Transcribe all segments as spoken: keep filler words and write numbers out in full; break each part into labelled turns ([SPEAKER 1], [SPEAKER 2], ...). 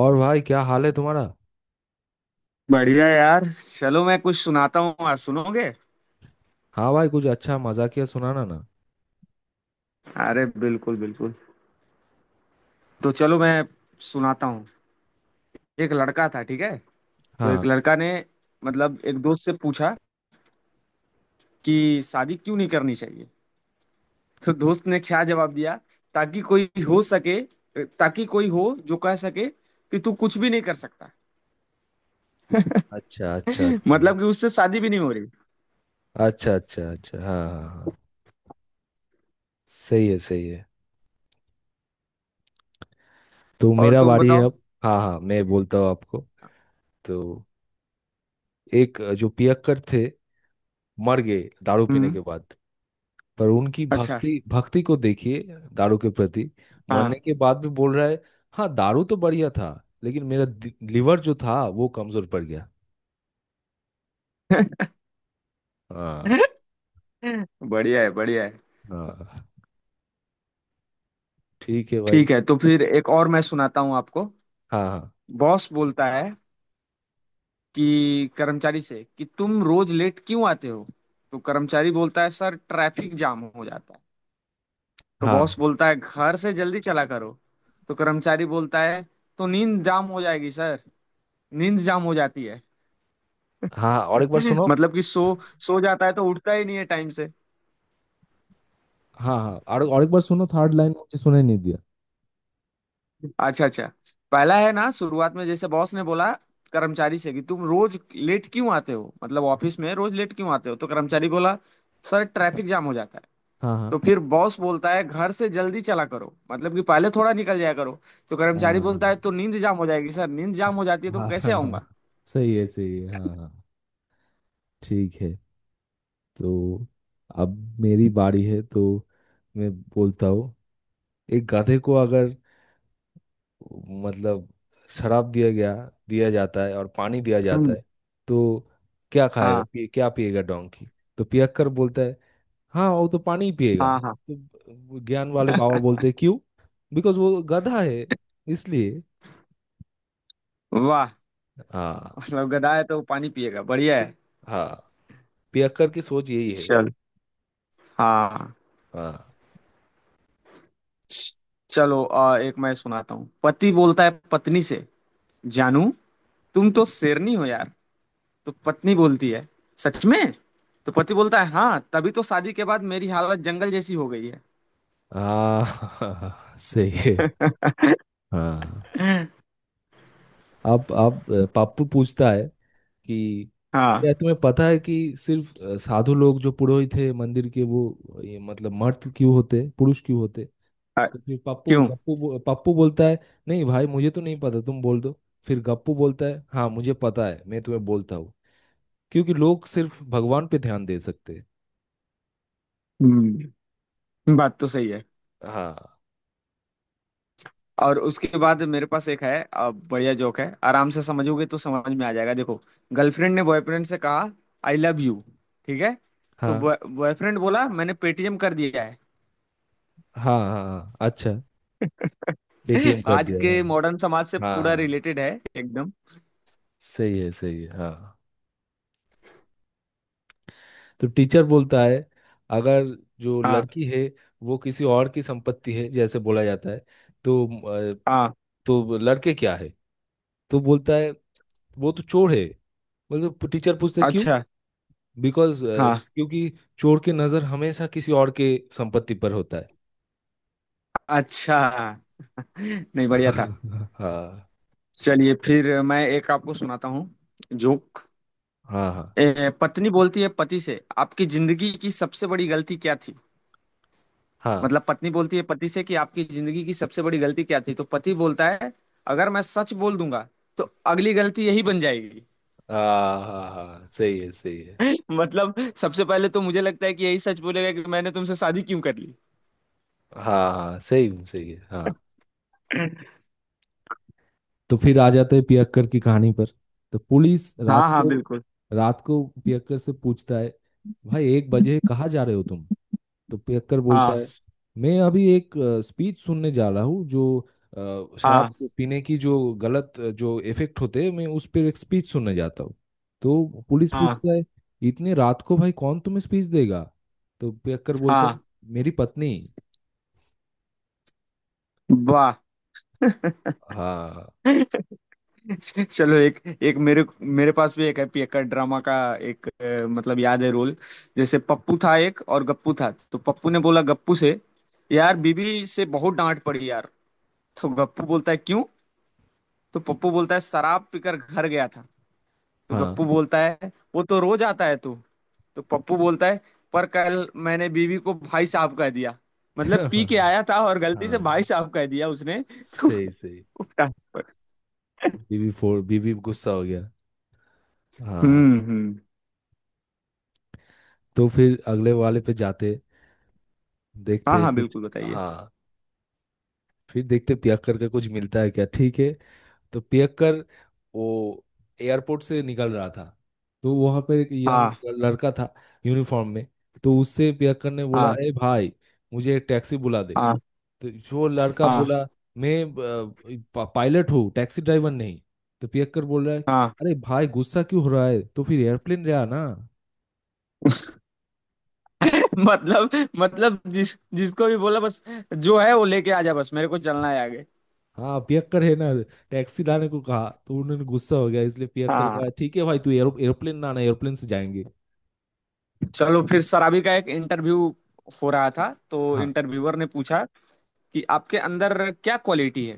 [SPEAKER 1] और भाई क्या हाल है तुम्हारा।
[SPEAKER 2] बढ़िया यार। चलो मैं कुछ सुनाता हूँ, आज सुनोगे?
[SPEAKER 1] हाँ भाई कुछ अच्छा मजाकिया सुनाना ना।
[SPEAKER 2] अरे बिल्कुल बिल्कुल। तो चलो मैं सुनाता हूँ। एक लड़का था, ठीक है। तो एक
[SPEAKER 1] हाँ।
[SPEAKER 2] लड़का ने, मतलब, एक दोस्त से पूछा कि शादी क्यों नहीं करनी चाहिए। तो दोस्त ने क्या जवाब दिया? ताकि कोई हो सके ताकि कोई हो जो कह सके कि तू कुछ भी नहीं कर सकता।
[SPEAKER 1] अच्छा अच्छा अच्छा।
[SPEAKER 2] मतलब कि उससे शादी भी नहीं हो रही।
[SPEAKER 1] अच्छा अच्छा अच्छा हाँ हाँ हाँ। सही है सही है। तो
[SPEAKER 2] और
[SPEAKER 1] मेरा
[SPEAKER 2] तुम
[SPEAKER 1] बारी है
[SPEAKER 2] बताओ।
[SPEAKER 1] अब। हाँ हाँ मैं बोलता हूँ आपको। तो एक जो पियक्कर थे मर गए दारू पीने
[SPEAKER 2] हम्म।
[SPEAKER 1] के बाद। पर उनकी
[SPEAKER 2] अच्छा।
[SPEAKER 1] भक्ति भक्ति को देखिए दारू के प्रति।
[SPEAKER 2] हाँ।
[SPEAKER 1] मरने के बाद भी बोल रहा है हाँ दारू तो बढ़िया था लेकिन मेरा दि- लिवर जो था वो कमजोर पड़ गया। हाँ।
[SPEAKER 2] बढ़िया है, बढ़िया है।
[SPEAKER 1] हाँ ठीक है भाई।
[SPEAKER 2] ठीक है, तो फिर एक और मैं सुनाता हूँ आपको।
[SPEAKER 1] हाँ हाँ
[SPEAKER 2] बॉस बोलता है कि कर्मचारी से कि तुम रोज लेट क्यों आते हो? तो कर्मचारी बोलता है, सर ट्रैफिक जाम हो जाता है। तो बॉस
[SPEAKER 1] हाँ।
[SPEAKER 2] बोलता है, घर से जल्दी चला करो। तो कर्मचारी बोलता है, तो नींद जाम हो जाएगी सर, नींद जाम हो जाती है।
[SPEAKER 1] हाँ हाँ, और एक बार सुनो।
[SPEAKER 2] मतलब कि सो सो जाता है तो उठता ही नहीं है टाइम से।
[SPEAKER 1] हाँ हाँ और और एक बार सुनो। थर्ड लाइन मुझे सुनाई नहीं दिया।
[SPEAKER 2] अच्छा अच्छा। पहला है ना, शुरुआत में जैसे बॉस ने बोला कर्मचारी से कि तुम रोज लेट क्यों आते हो, मतलब ऑफिस में रोज लेट क्यों आते हो। तो कर्मचारी बोला, सर ट्रैफिक जाम हो जाता है।
[SPEAKER 1] हाँ हाँ।
[SPEAKER 2] तो फिर बॉस बोलता है, घर से जल्दी चला करो, मतलब कि पहले थोड़ा निकल जाया करो। तो कर्मचारी
[SPEAKER 1] हाँ
[SPEAKER 2] बोलता है, तो नींद जाम हो जाएगी सर, नींद जाम हो जाती है तो
[SPEAKER 1] हाँ
[SPEAKER 2] कैसे
[SPEAKER 1] हाँ
[SPEAKER 2] आऊंगा।
[SPEAKER 1] हाँ, सही है सही है हाँ हाँ ठीक है। तो अब मेरी बारी है तो मैं बोलता हूँ। एक गधे को अगर मतलब शराब दिया गया दिया जाता है और पानी दिया जाता
[SPEAKER 2] हम्म,
[SPEAKER 1] है। तो क्या खाएगा
[SPEAKER 2] हाँ
[SPEAKER 1] पी, क्या पिएगा डोंकी। तो पियक्कर बोलता है हाँ वो तो पानी ही पिएगा।
[SPEAKER 2] हाँ हाँ।
[SPEAKER 1] तो वो ज्ञान वाले बाबा बोलते क्यों। बिकॉज वो गधा है इसलिए।
[SPEAKER 2] वाह।
[SPEAKER 1] हाँ।
[SPEAKER 2] मतलब गधा है तो वो पानी पिएगा, बढ़िया है।
[SPEAKER 1] हाँ पियक्कर की सोच यही है।
[SPEAKER 2] चल। हाँ।
[SPEAKER 1] हाँ।
[SPEAKER 2] चलो, अ, एक मैं सुनाता हूँ। पति बोलता है पत्नी से, जानू तुम तो शेरनी हो यार। तो पत्नी बोलती है, सच में? तो पति बोलता है, हाँ तभी तो शादी के बाद मेरी हालत जंगल जैसी हो गई है।
[SPEAKER 1] हाँ सही है। हाँ। अब अब पप्पू पूछता है कि
[SPEAKER 2] हाँ।
[SPEAKER 1] क्या तुम्हें पता है कि सिर्फ अ, साधु लोग जो पुरोहित थे मंदिर के वो ये मतलब मर्द क्यों होते पुरुष क्यों होते।
[SPEAKER 2] अ,
[SPEAKER 1] तो फिर पप्पू
[SPEAKER 2] क्यों।
[SPEAKER 1] गप्पू बो- पप्पू बोलता है नहीं भाई मुझे तो नहीं पता तुम बोल दो। फिर गप्पू बोलता है हाँ मुझे पता है मैं तुम्हें बोलता हूँ क्योंकि लोग सिर्फ भगवान पे ध्यान दे सकते हैं।
[SPEAKER 2] हम्म। बात तो सही है।
[SPEAKER 1] हाँ
[SPEAKER 2] और उसके बाद मेरे पास एक है, अ, बढ़िया जोक है, आराम से समझोगे तो समझ में आ जाएगा, देखो। गर्लफ्रेंड ने बॉयफ्रेंड से कहा, आई लव यू। ठीक है। तो
[SPEAKER 1] हाँ।
[SPEAKER 2] बॉयफ्रेंड बोला, मैंने पेटीएम कर दिया है।
[SPEAKER 1] हाँ हाँ हाँ, अच्छा। पेटीएम कर
[SPEAKER 2] आज
[SPEAKER 1] दिया है।
[SPEAKER 2] के मॉडर्न समाज से
[SPEAKER 1] हाँ हाँ
[SPEAKER 2] पूरा
[SPEAKER 1] हाँ।
[SPEAKER 2] रिलेटेड है, एकदम।
[SPEAKER 1] सही है सही है हाँ। तो टीचर बोलता है अगर जो
[SPEAKER 2] हाँ
[SPEAKER 1] लड़की है वो किसी और की संपत्ति है जैसे बोला जाता है तो अ,
[SPEAKER 2] हाँ।
[SPEAKER 1] तो लड़के क्या है। तो बोलता है वो तो चोर है। बोलते टीचर पूछते क्यों।
[SPEAKER 2] अच्छा।
[SPEAKER 1] बिकॉज
[SPEAKER 2] हाँ।
[SPEAKER 1] क्योंकि चोर की नजर हमेशा किसी और के संपत्ति पर होता है।
[SPEAKER 2] अच्छा। नहीं बढ़िया था।
[SPEAKER 1] हाँ। हाँ
[SPEAKER 2] चलिए फिर मैं एक आपको सुनाता हूँ, जोक।
[SPEAKER 1] हाँ
[SPEAKER 2] ए, पत्नी बोलती है पति से, आपकी जिंदगी की सबसे बड़ी गलती क्या थी?
[SPEAKER 1] हाँ
[SPEAKER 2] मतलब पत्नी बोलती है पति से कि आपकी जिंदगी की सबसे बड़ी गलती क्या थी? तो पति बोलता है, अगर मैं सच बोल दूंगा तो अगली गलती यही बन जाएगी।
[SPEAKER 1] हाँ हाँ हाँ, सही है सही है।
[SPEAKER 2] मतलब सबसे पहले तो मुझे लगता है कि यही सच बोलेगा कि मैंने तुमसे शादी क्यों कर ली।
[SPEAKER 1] हाँ हाँ सही सही है हाँ। तो फिर आ जाते हैं पियक्कर की कहानी पर। तो पुलिस रात
[SPEAKER 2] हाँ हाँ
[SPEAKER 1] को
[SPEAKER 2] बिल्कुल।
[SPEAKER 1] रात को पियक्कर से पूछता है भाई एक बजे कहाँ जा रहे हो तुम। तो पियक्कर
[SPEAKER 2] हाँ
[SPEAKER 1] बोलता है मैं अभी एक स्पीच सुनने जा रहा हूँ जो अ, शराब
[SPEAKER 2] हाँ
[SPEAKER 1] पीने की जो गलत अ, जो इफेक्ट होते हैं मैं उस पर एक स्पीच सुनने जाता हूँ। तो पुलिस
[SPEAKER 2] हाँ
[SPEAKER 1] पूछता है इतने रात को भाई कौन तुम्हें स्पीच देगा। तो पियक्कर बोलता है
[SPEAKER 2] हाँ।
[SPEAKER 1] मेरी पत्नी।
[SPEAKER 2] वाह।
[SPEAKER 1] हाँ
[SPEAKER 2] चलो एक, एक मेरे मेरे पास भी एक है, एक ड्रामा का। एक अ, मतलब याद है रोल। जैसे पप्पू था, एक और गप्पू था। तो पप्पू ने बोला गप्पू से, यार बीबी से बहुत डांट पड़ी यार। तो गप्पू बोलता है, क्यों? तो पप्पू बोलता है, शराब पीकर घर गया था। तो
[SPEAKER 1] हाँ
[SPEAKER 2] गप्पू बोलता है, वो तो रोज आता है तू। तो पप्पू बोलता है, पर कल मैंने बीवी को भाई साहब कह दिया। मतलब पी के आया था और गलती से
[SPEAKER 1] हाँ।
[SPEAKER 2] भाई साहब कह दिया उसने। तो
[SPEAKER 1] सही सही। बीवी फोड़ बीवी गुस्सा हो गया। हाँ।
[SPEAKER 2] हम्म हम्म।
[SPEAKER 1] तो फिर अगले वाले पे जाते
[SPEAKER 2] हाँ
[SPEAKER 1] देखते
[SPEAKER 2] हाँ
[SPEAKER 1] कुछ।
[SPEAKER 2] बिल्कुल, बताइए।
[SPEAKER 1] हाँ फिर देखते पियक्कर का कुछ मिलता है क्या ठीक है। तो पियक्कर वो एयरपोर्ट से निकल रहा था। तो वहां पर एक यंग
[SPEAKER 2] हाँ
[SPEAKER 1] लड़का था यूनिफॉर्म में। तो उससे पियक्कर ने बोला
[SPEAKER 2] हाँ
[SPEAKER 1] ए भाई मुझे एक टैक्सी बुला दे।
[SPEAKER 2] हाँ
[SPEAKER 1] तो जो लड़का
[SPEAKER 2] हाँ
[SPEAKER 1] बोला मैं अ, पा- पायलट हूँ टैक्सी ड्राइवर नहीं। तो पियक्कर बोल रहा है
[SPEAKER 2] हाँ।
[SPEAKER 1] अरे भाई गुस्सा क्यों हो रहा है तो फिर एयरप्लेन रहा ना।
[SPEAKER 2] मतलब मतलब जिस जिसको भी बोला, बस जो है वो लेके आ जा, बस मेरे को चलना है आगे।
[SPEAKER 1] हाँ पियक्कर है ना टैक्सी लाने को कहा तो उन्होंने गुस्सा हो गया इसलिए पियक्कर
[SPEAKER 2] हाँ।
[SPEAKER 1] कहा ठीक है भाई तू एरो, एरोप्लेन ना आना एरोप्लेन से जाएंगे।
[SPEAKER 2] चलो, फिर सराबी का एक इंटरव्यू हो रहा था तो
[SPEAKER 1] हाँ
[SPEAKER 2] इंटरव्यूअर ने पूछा कि आपके अंदर क्या क्वालिटी है।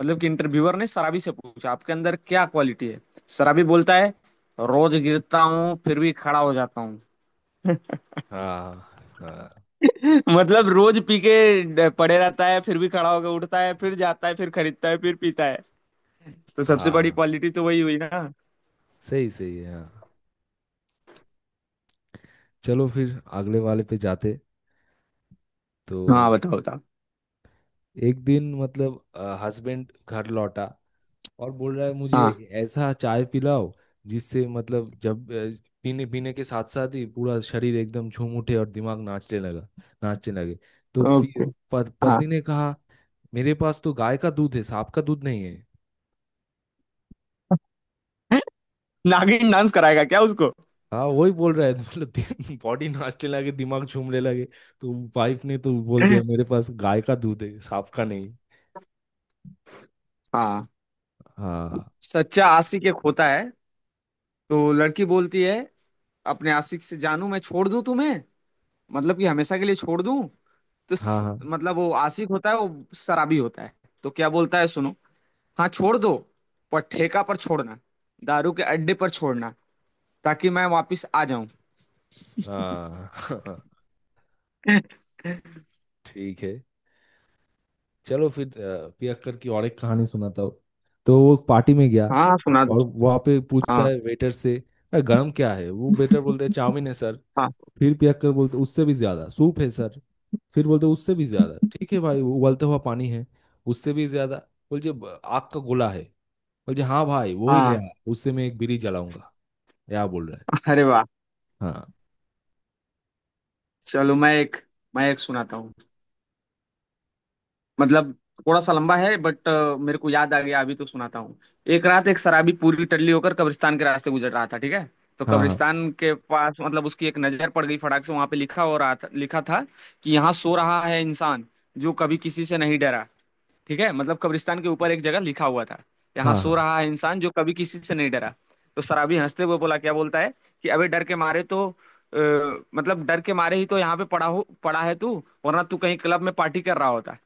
[SPEAKER 2] मतलब कि इंटरव्यूअर ने सराबी से पूछा, आपके अंदर क्या क्वालिटी है? सराबी बोलता है, रोज गिरता हूँ फिर भी खड़ा हो जाता हूँ।
[SPEAKER 1] हाँ हाँ
[SPEAKER 2] मतलब रोज पी के पड़े रहता है फिर भी खड़ा होकर उठता है, फिर जाता है, फिर खरीदता है, फिर पीता है। तो सबसे बड़ी
[SPEAKER 1] हाँ
[SPEAKER 2] क्वालिटी तो वही हुई ना।
[SPEAKER 1] सही सही है हाँ। चलो फिर अगले वाले पे जाते। तो
[SPEAKER 2] हाँ बताओ बताओ।
[SPEAKER 1] एक दिन मतलब हस्बैंड घर लौटा और बोल रहा है मुझे
[SPEAKER 2] हाँ।
[SPEAKER 1] ऐसा चाय पिलाओ जिससे मतलब जब अ, पीने पीने के साथ साथ ही पूरा शरीर एकदम झूम उठे और दिमाग नाचने लगा नाचने लगे। तो पी,
[SPEAKER 2] ओके।
[SPEAKER 1] पत,
[SPEAKER 2] हाँ।
[SPEAKER 1] पत्नी ने कहा मेरे पास तो गाय का दूध है सांप का दूध नहीं है।
[SPEAKER 2] नागिन डांस कराएगा क्या उसको?
[SPEAKER 1] हाँ वही बोल रहा है मतलब बॉडी नाचने लगे दिमाग झूमने लगे। तो वाइफ ने तो बोल दिया मेरे पास गाय का दूध है सांप का नहीं।
[SPEAKER 2] हाँ।
[SPEAKER 1] हाँ
[SPEAKER 2] सच्चा आशिक एक होता है। तो लड़की बोलती है अपने आशिक से, जानू मैं छोड़ दूं तुम्हें, मतलब कि हमेशा के लिए छोड़ दूं। तो स,
[SPEAKER 1] हाँ
[SPEAKER 2] मतलब वो आशिक होता है, वो शराबी होता है। तो क्या बोलता है, सुनो। हाँ छोड़ दो, पर ठेका पर छोड़ना, दारू के अड्डे पर छोड़ना, ताकि मैं वापस आ जाऊं।
[SPEAKER 1] हाँ हाँ ठीक है। चलो फिर अ, पियक्कर की और एक कहानी सुनाता हूँ। तो वो पार्टी में गया
[SPEAKER 2] हाँ सुना दो।
[SPEAKER 1] और वहाँ पे पूछता
[SPEAKER 2] हाँ
[SPEAKER 1] है वेटर से "अ, गरम क्या है। वो वेटर बोलते हैं चाउमीन है सर।
[SPEAKER 2] हाँ
[SPEAKER 1] फिर पियक्कर बोलते उससे भी ज्यादा। सूप है सर। फिर बोलते उससे भी ज्यादा ठीक है भाई वो उबलता हुआ पानी है। उससे भी ज्यादा। बोलते "ब- आग का गोला है। बोलते हाँ भाई वो ही ले आ
[SPEAKER 2] हाँ।
[SPEAKER 1] उससे मैं एक बीड़ी जलाऊंगा। क्या बोल रहा
[SPEAKER 2] अरे वाह।
[SPEAKER 1] है। हाँ
[SPEAKER 2] चलो मैं एक मैं एक सुनाता हूँ, मतलब थोड़ा सा लंबा है बट मेरे को याद आ गया अभी तो सुनाता हूँ। एक रात एक शराबी पूरी टल्ली होकर कब्रिस्तान के रास्ते गुजर रहा था, ठीक है। तो
[SPEAKER 1] हाँ
[SPEAKER 2] कब्रिस्तान के पास मतलब उसकी एक नजर पड़ गई फटाक से, वहां पे लिखा हो रहा था, लिखा था कि यहाँ सो रहा है इंसान जो कभी किसी से नहीं डरा। ठीक है, मतलब कब्रिस्तान के ऊपर एक जगह लिखा हुआ था, यहाँ
[SPEAKER 1] हाँ हाँ
[SPEAKER 2] सो
[SPEAKER 1] हाँ
[SPEAKER 2] रहा है इंसान जो कभी किसी से नहीं डरा। तो शराबी हंसते हुए बोला, क्या बोलता है कि अबे डर के मारे तो अ, मतलब डर के मारे ही तो यहाँ पे पड़ा हो पड़ा है तू, वरना तू कहीं क्लब में पार्टी कर रहा होता।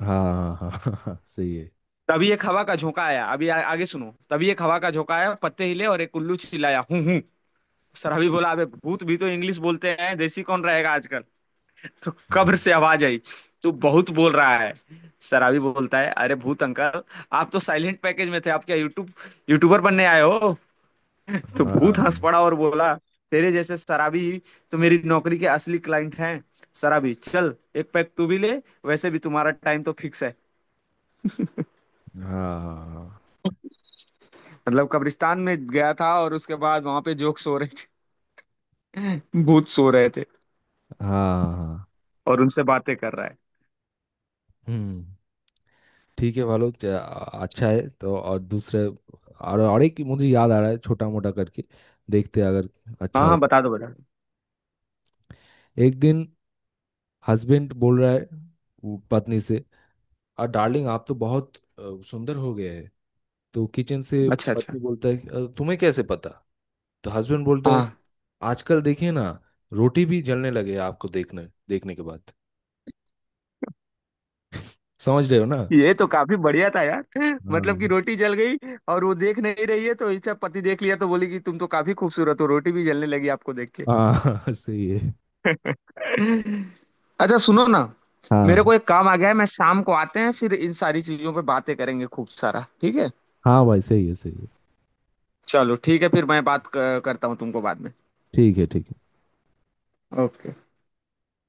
[SPEAKER 1] हाँ हाँ हाँ हाँ, सही है
[SPEAKER 2] तभी एक हवा का झोंका आया, अभी आ, आगे सुनो, तभी एक हवा का झोंका आया, पत्ते हिले और एक उल्लू चिल्लाया, हूं हूं। सराबी बोला, अबे भूत भी तो इंग्लिश बोलते हैं, देसी कौन रहेगा आजकल। तो कब्र
[SPEAKER 1] हाँ
[SPEAKER 2] से आवाज आई, तू बहुत बोल रहा है। सराबी बोलता है, अरे भूत अंकल आप तो साइलेंट पैकेज में थे, आप क्या यूट्यूब यूट्यूबर बनने आए हो? तो भूत हंस
[SPEAKER 1] हाँ
[SPEAKER 2] पड़ा और बोला, तेरे जैसे शराबी ही तो मेरी नौकरी के असली क्लाइंट हैं। शराबी चल एक पैक तू भी ले, वैसे भी तुम्हारा टाइम तो फिक्स है।
[SPEAKER 1] हाँ हाँ
[SPEAKER 2] मतलब कब्रिस्तान में गया था और उसके बाद वहां पे जोक सो रहे थे, भूत सो रहे थे
[SPEAKER 1] हाँ हाँ,
[SPEAKER 2] और उनसे बातें कर रहा है।
[SPEAKER 1] हम्म ठीक है भालू च- आ- अच्छा है। तो और दूसरे और और एक मुझे याद आ रहा है छोटा मोटा करके देखते हैं अगर अच्छा
[SPEAKER 2] हाँ हाँ
[SPEAKER 1] होता
[SPEAKER 2] बता दो बता दो।
[SPEAKER 1] है। एक दिन हस्बैंड बोल रहा है वो पत्नी से और डार्लिंग आप तो बहुत अ, सुंदर हो गए हैं। तो किचन से
[SPEAKER 2] अच्छा अच्छा।
[SPEAKER 1] पत्नी बोलता है "अ, तुम्हें कैसे पता। तो हस्बैंड बोलता है
[SPEAKER 2] हाँ।
[SPEAKER 1] आजकल देखिए ना रोटी भी जलने लगे हैं आपको देखने देखने के बाद। समझ रहे हो ना।
[SPEAKER 2] ये तो काफी बढ़िया था यार, मतलब कि
[SPEAKER 1] हाँ
[SPEAKER 2] रोटी जल गई और वो देख नहीं रही है तो इसका पति देख लिया तो बोली कि तुम तो काफी खूबसूरत हो, रोटी भी जलने लगी आपको देख के।
[SPEAKER 1] हाँ सही है।
[SPEAKER 2] अच्छा सुनो ना, मेरे
[SPEAKER 1] हाँ
[SPEAKER 2] को एक काम आ गया है, मैं शाम को आते हैं फिर इन सारी चीजों पे बातें करेंगे खूब सारा, ठीक है।
[SPEAKER 1] हाँ भाई सही है सही है
[SPEAKER 2] चलो ठीक है फिर, मैं बात क- करता हूँ तुमको बाद में।
[SPEAKER 1] ठीक है ठीक है।
[SPEAKER 2] ओके।